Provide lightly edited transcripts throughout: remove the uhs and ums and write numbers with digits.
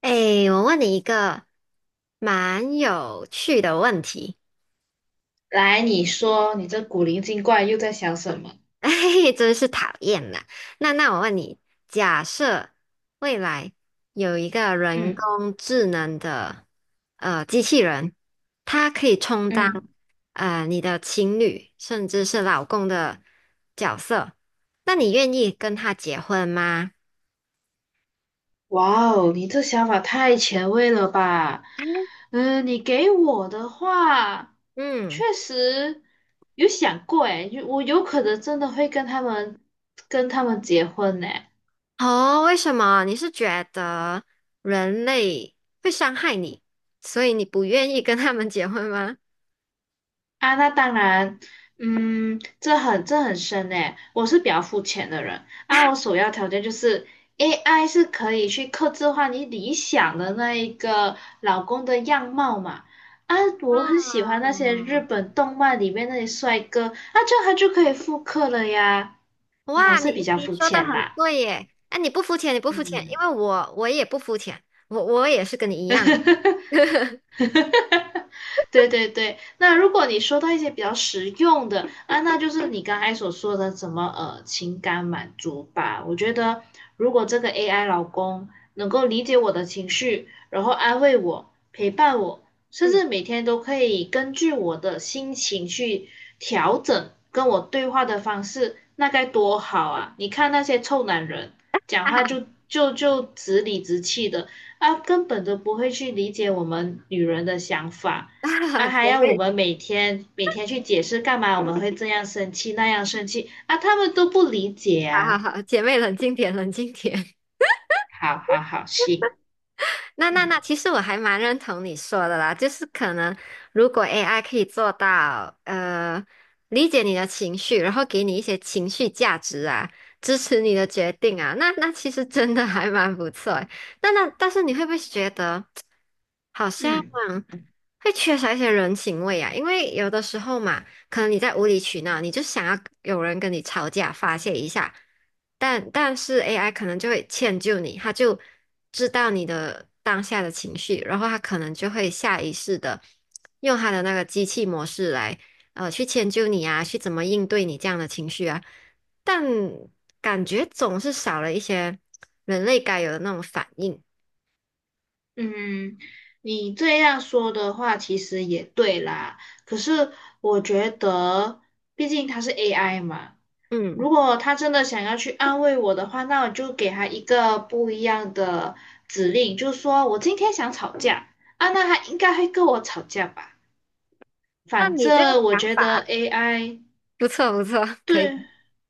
哎，我问你一个蛮有趣的问题，来，你说你这古灵精怪又在想什么？哎，真是讨厌啦。那我问你，假设未来有一个人嗯工智能的机器人，它可以充当嗯。你的情侣甚至是老公的角色，那你愿意跟他结婚吗？哇哦，你这想法太前卫了吧？嗯，你给我的话，嗯。确实有想过诶，我有可能真的会跟他们结婚呢。哦，为什么？你是觉得人类会伤害你，所以你不愿意跟他们结婚吗？啊，那当然，嗯，这很深诶，我是比较肤浅的人啊，我首要条件就是 AI 是可以去刻制化你理想的那一个老公的样貌嘛。啊，我很喜欢啊，那些日本动漫里面那些帅哥，啊，这样他就可以复刻了呀。嗯，我哇，是比你较你肤说的浅很啦，对耶！哎，你不肤浅，你不肤浅，因嗯。为我也不肤浅，我也是跟你一样的。对对对，那如果你说到一些比较实用的啊，那就是你刚才所说的什么情感满足吧。我觉得如果这个 AI 老公能够理解我的情绪，然后安慰我、陪伴我，甚嗯，至每天都可以根据我的心情去调整跟我对话的方式，那该多好啊！你看那些臭男人讲哈话哈，就直理直气的，啊，根本都不会去理解我们女人的想法，啊，还姐要我妹，们每天每天去解释干嘛我们会这样生气那样生气啊，他们都不理解好好啊。好，姐妹冷静点，冷静点。好好好，行，那那嗯那，其实我还蛮认同你说的啦，就是可能如果 AI 可以做到理解你的情绪，然后给你一些情绪价值啊，支持你的决定啊，那其实真的还蛮不错诶。那但是你会不会觉得好像嗯会缺少一些人情味啊？因为有的时候嘛，可能你在无理取闹，你就想要有人跟你吵架发泄一下，但是 AI 可能就会迁就你，他就知道你的当下的情绪，然后他可能就会下意识的用他的那个机器模式来去迁就你啊，去怎么应对你这样的情绪啊，但感觉总是少了一些人类该有的那种反应。嗯，你这样说的话其实也对啦，可是我觉得，毕竟它是 AI 嘛，嗯，如果他真的想要去安慰我的话，那我就给他一个不一样的指令，就是说我今天想吵架啊，那他应该会跟我吵架吧？那反你这个正我想觉得 法 AI。 不错不错，可对以。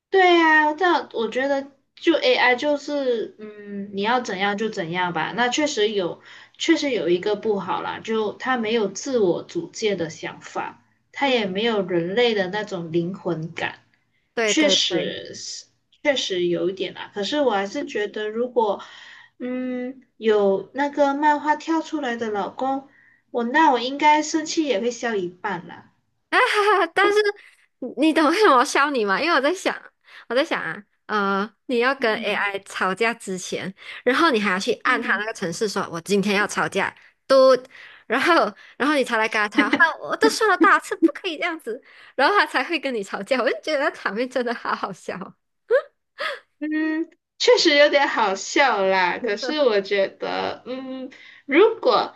对呀，这样我觉得就 AI 就是，嗯，你要怎样就怎样吧。那确实有，确实有一个不好啦，就它没有自我主见的想法，它也嗯，没有人类的那种灵魂感。对确对对。实是，确实有一点啦。可是我还是觉得，如果有那个漫画跳出来的老公，那我应该生气也会消一半啦。啊哈哈！但是你懂为什么我笑你吗？因为我在想啊，你要跟 嗯 AI 吵架之前，然后你还要去按他那嗯。个程式说，我今天要吵架，嘟，然后然后你才来跟他吵，啊，我都说了多少次不可以这样子，然后他才会跟你吵架。我就觉得场面真的好好笑哦嗯，确实有点好笑啦。可是我觉得，嗯，如果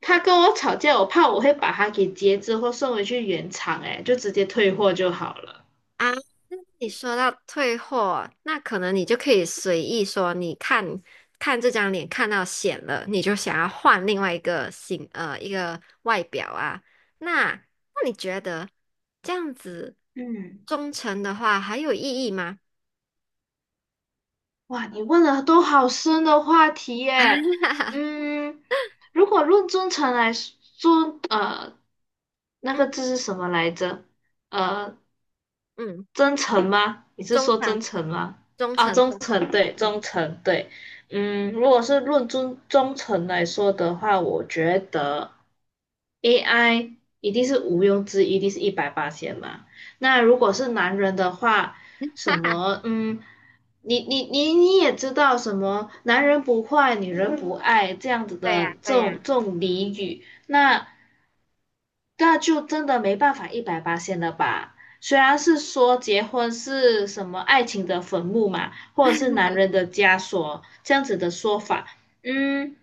他跟我吵架，我怕我会把他给截肢或送回去原厂，哎，就直接退货就好了。啊。你说到退货，那可能你就可以随意说，你看看这张脸看到显了，你就想要换另外一个形，一个外表啊。那你觉得这样子嗯，忠诚的话还有意义吗？哇，你问了都好深的话题耶。嗯，如果论忠诚来说，那嗯个字是什么来着？呃。嗯，真诚吗？你是忠说真诚，诚吗？忠啊，诚，忠忠诚，诚。对，嗯，忠诚，对。嗯，如果是论忠诚来说的话，我觉得 AI 一定是毋庸置疑，一定是一百八千嘛。那如果是男人的话，什么，嗯，你也知道什么，男人不坏，女人不爱这样子对呀，的这对呀。种这种俚语，那。那就真的没办法一百八十了吧？虽然是说结婚是什么爱情的坟墓嘛，或者是男人的枷锁这样子的说法，嗯，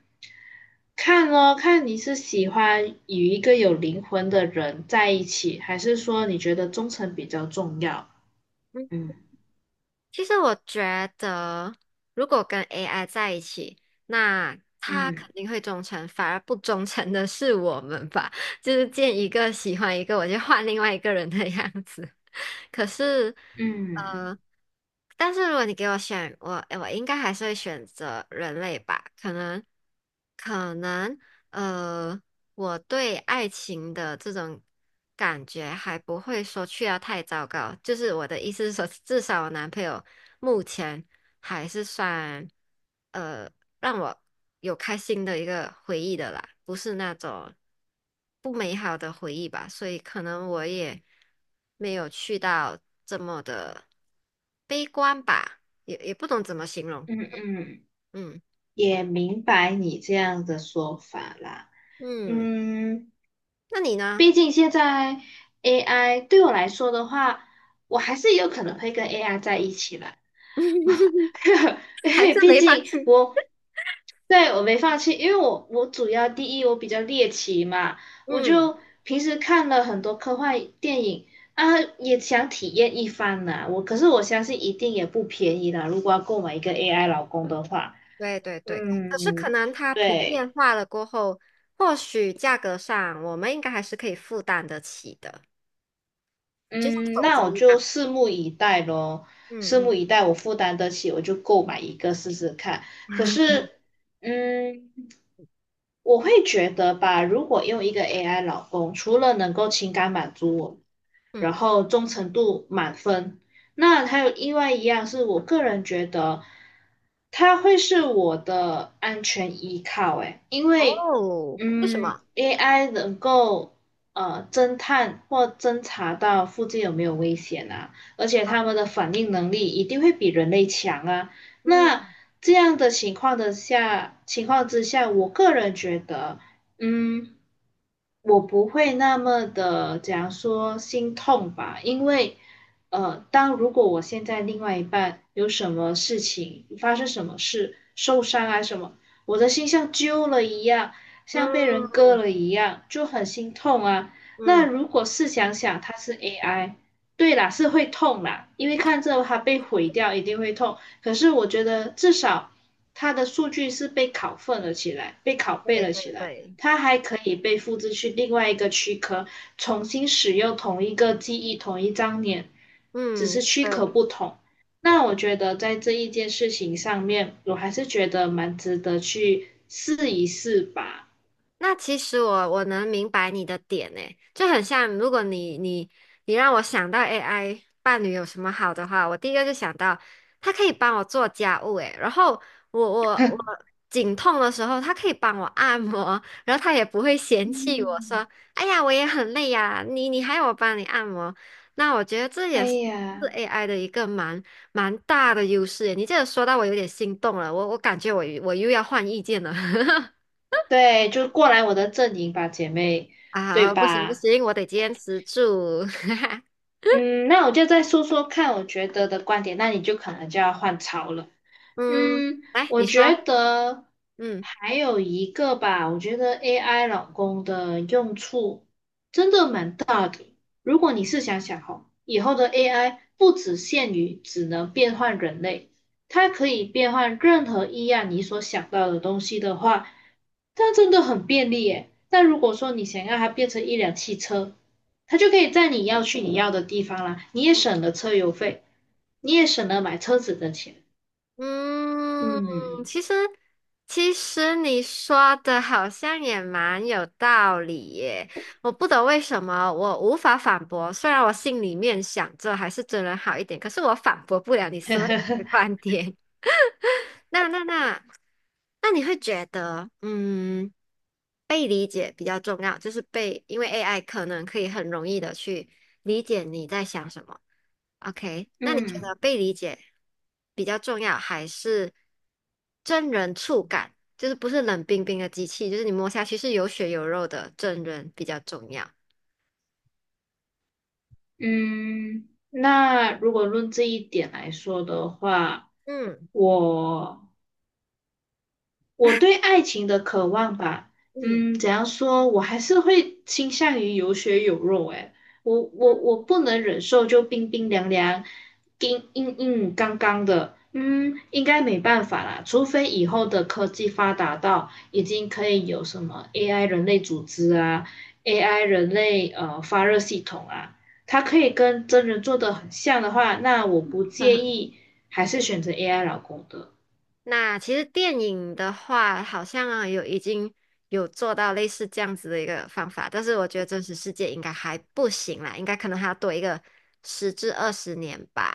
看哦，看你是喜欢与一个有灵魂的人在一起，还是说你觉得忠诚比较重要？嗯嗯其实我觉得，如果跟 AI 在一起，那他肯嗯定会忠诚，反而不忠诚的是我们吧？就是见一个喜欢一个，我就换另外一个人的样子。可是，嗯呃，但是如果你给我选，我应该还是会选择人类吧。可能，可能，呃，我对爱情的这种感觉还不会说去到太糟糕。就是我的意思是说，至少我男朋友目前还是算。呃。让我有开心的一个回忆的啦，不是那种不美好的回忆吧，所以可能我也没有去到这么的悲观吧，也不懂怎么形容。嗯嗯，嗯也明白你这样的说法啦。嗯，嗯，那你呢？毕竟现在 AI 对我来说的话，我还是有可能会跟 AI 在一起的。因还是为毕没放竟弃？我对我没放弃，因为我主要第一我比较猎奇嘛，我嗯，就平时看了很多科幻电影啊，也想体验一番呢。可是我相信一定也不便宜啦，如果要购买一个 AI 老公的话，对对对，可是可嗯，能它普对。遍化了过后，或许价格上我们应该还是可以负担得起的，就像嗯，手机那我一样。就拭目以待咯，嗯拭目嗯 以待，我负担得起，我就购买一个试试看。可 是，嗯，我会觉得吧，如果用一个 AI 老公，除了能够情感满足我，然嗯。后忠诚度满分，那还有另外一样是我个人觉得，它会是我的安全依靠，诶，因为哦，为什嗯么？，AI 能够侦探或侦查到附近有没有危险啊，而且他们的反应能力一定会比人类强啊。那嗯这样的情况之下，我个人觉得，嗯，我不会那么的，讲说心痛吧，因为。当如果我现在另外一半有什么事情发生，什么事受伤啊什么，我的心像揪了一样，像被人割嗯了一样，就很心痛啊。那嗯，如果试想想，它是 AI，对啦，是会痛啦，因为看着它被毁掉一定会痛。可是我觉得至少它的数据是被拷份了起来，被拷贝对对了起来。对，它还可以被复制去另外一个躯壳，重新使用同一个记忆、同一张脸，只嗯是躯壳对，不同。那我觉得在这一件事情上面，我还是觉得蛮值得去试一试吧。那其实我能明白你的点诶，就很像如果你让我想到 AI 伴侣有什么好的话，我第一个就想到它可以帮我做家务诶，然后我颈痛的时候，它可以帮我按摩，然后它也不会嫌弃我嗯，说，哎呀，我也很累呀，你还要我帮你按摩，那我觉得这也哎是。是 呀，AI 的一个蛮大的优势诶，你这个说到我有点心动了，我感觉我又要换意见了。对，就过来我的阵营吧，姐妹，对啊，不行不吧？行，我得坚持住。嗯，那我就再说说看我觉得的观点，那你就可能就要换槽了。嗯，嗯，来，我你说，觉得嗯还有一个吧，我觉得 AI 老公的用处真的蛮大的。如果你试想想哦，以后的 AI 不只限于只能变换人类，它可以变换任何一样你所想到的东西的话，它真的很便利耶。那如果说你想要它变成一辆汽车，它就可以在你要的地方啦，你也省了车油费，你也省了买车子的钱。嗯，嗯。其实其实你说的好像也蛮有道理耶。我不懂为什么我无法反驳，虽然我心里面想着还是真人好一点，可是我反驳不了你所有的观点。那那那，那你会觉得，被理解比较重要，就是被，因为 AI 可能可以很容易的去理解你在想什么。OK，那你觉嗯得被理解比较重要，还是真人触感？就是不是冷冰冰的机器，就是你摸下去是有血有肉的真人比较重要。嗯，那如果论这一点来说的话，嗯我我对爱情的渴望吧，嗯嗯，怎样说，我还是会倾向于有血有肉。诶，我嗯，不能忍受就冰冰凉凉、硬硬刚刚的，嗯，应该没办法啦，除非以后的科技发达到已经可以有什么 AI 人类组织啊，AI 人类发热系统啊，它可以跟真人做的很像的话，那我不介 意，还是选择 AI 老公的。那其实电影的话，好像啊有已经有做到类似这样子的一个方法，但是我觉得真实世界应该还不行啦，应该可能还要多一个10至20年吧，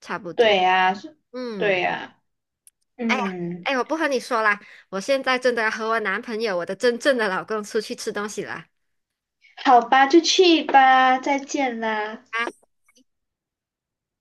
差不对多。呀，是，对嗯，呀。哎呀，嗯，哎，我不和你说啦，我现在真的要和我男朋友，我的真正的老公出去吃东西啦。好吧，就去吧，再见啦。啊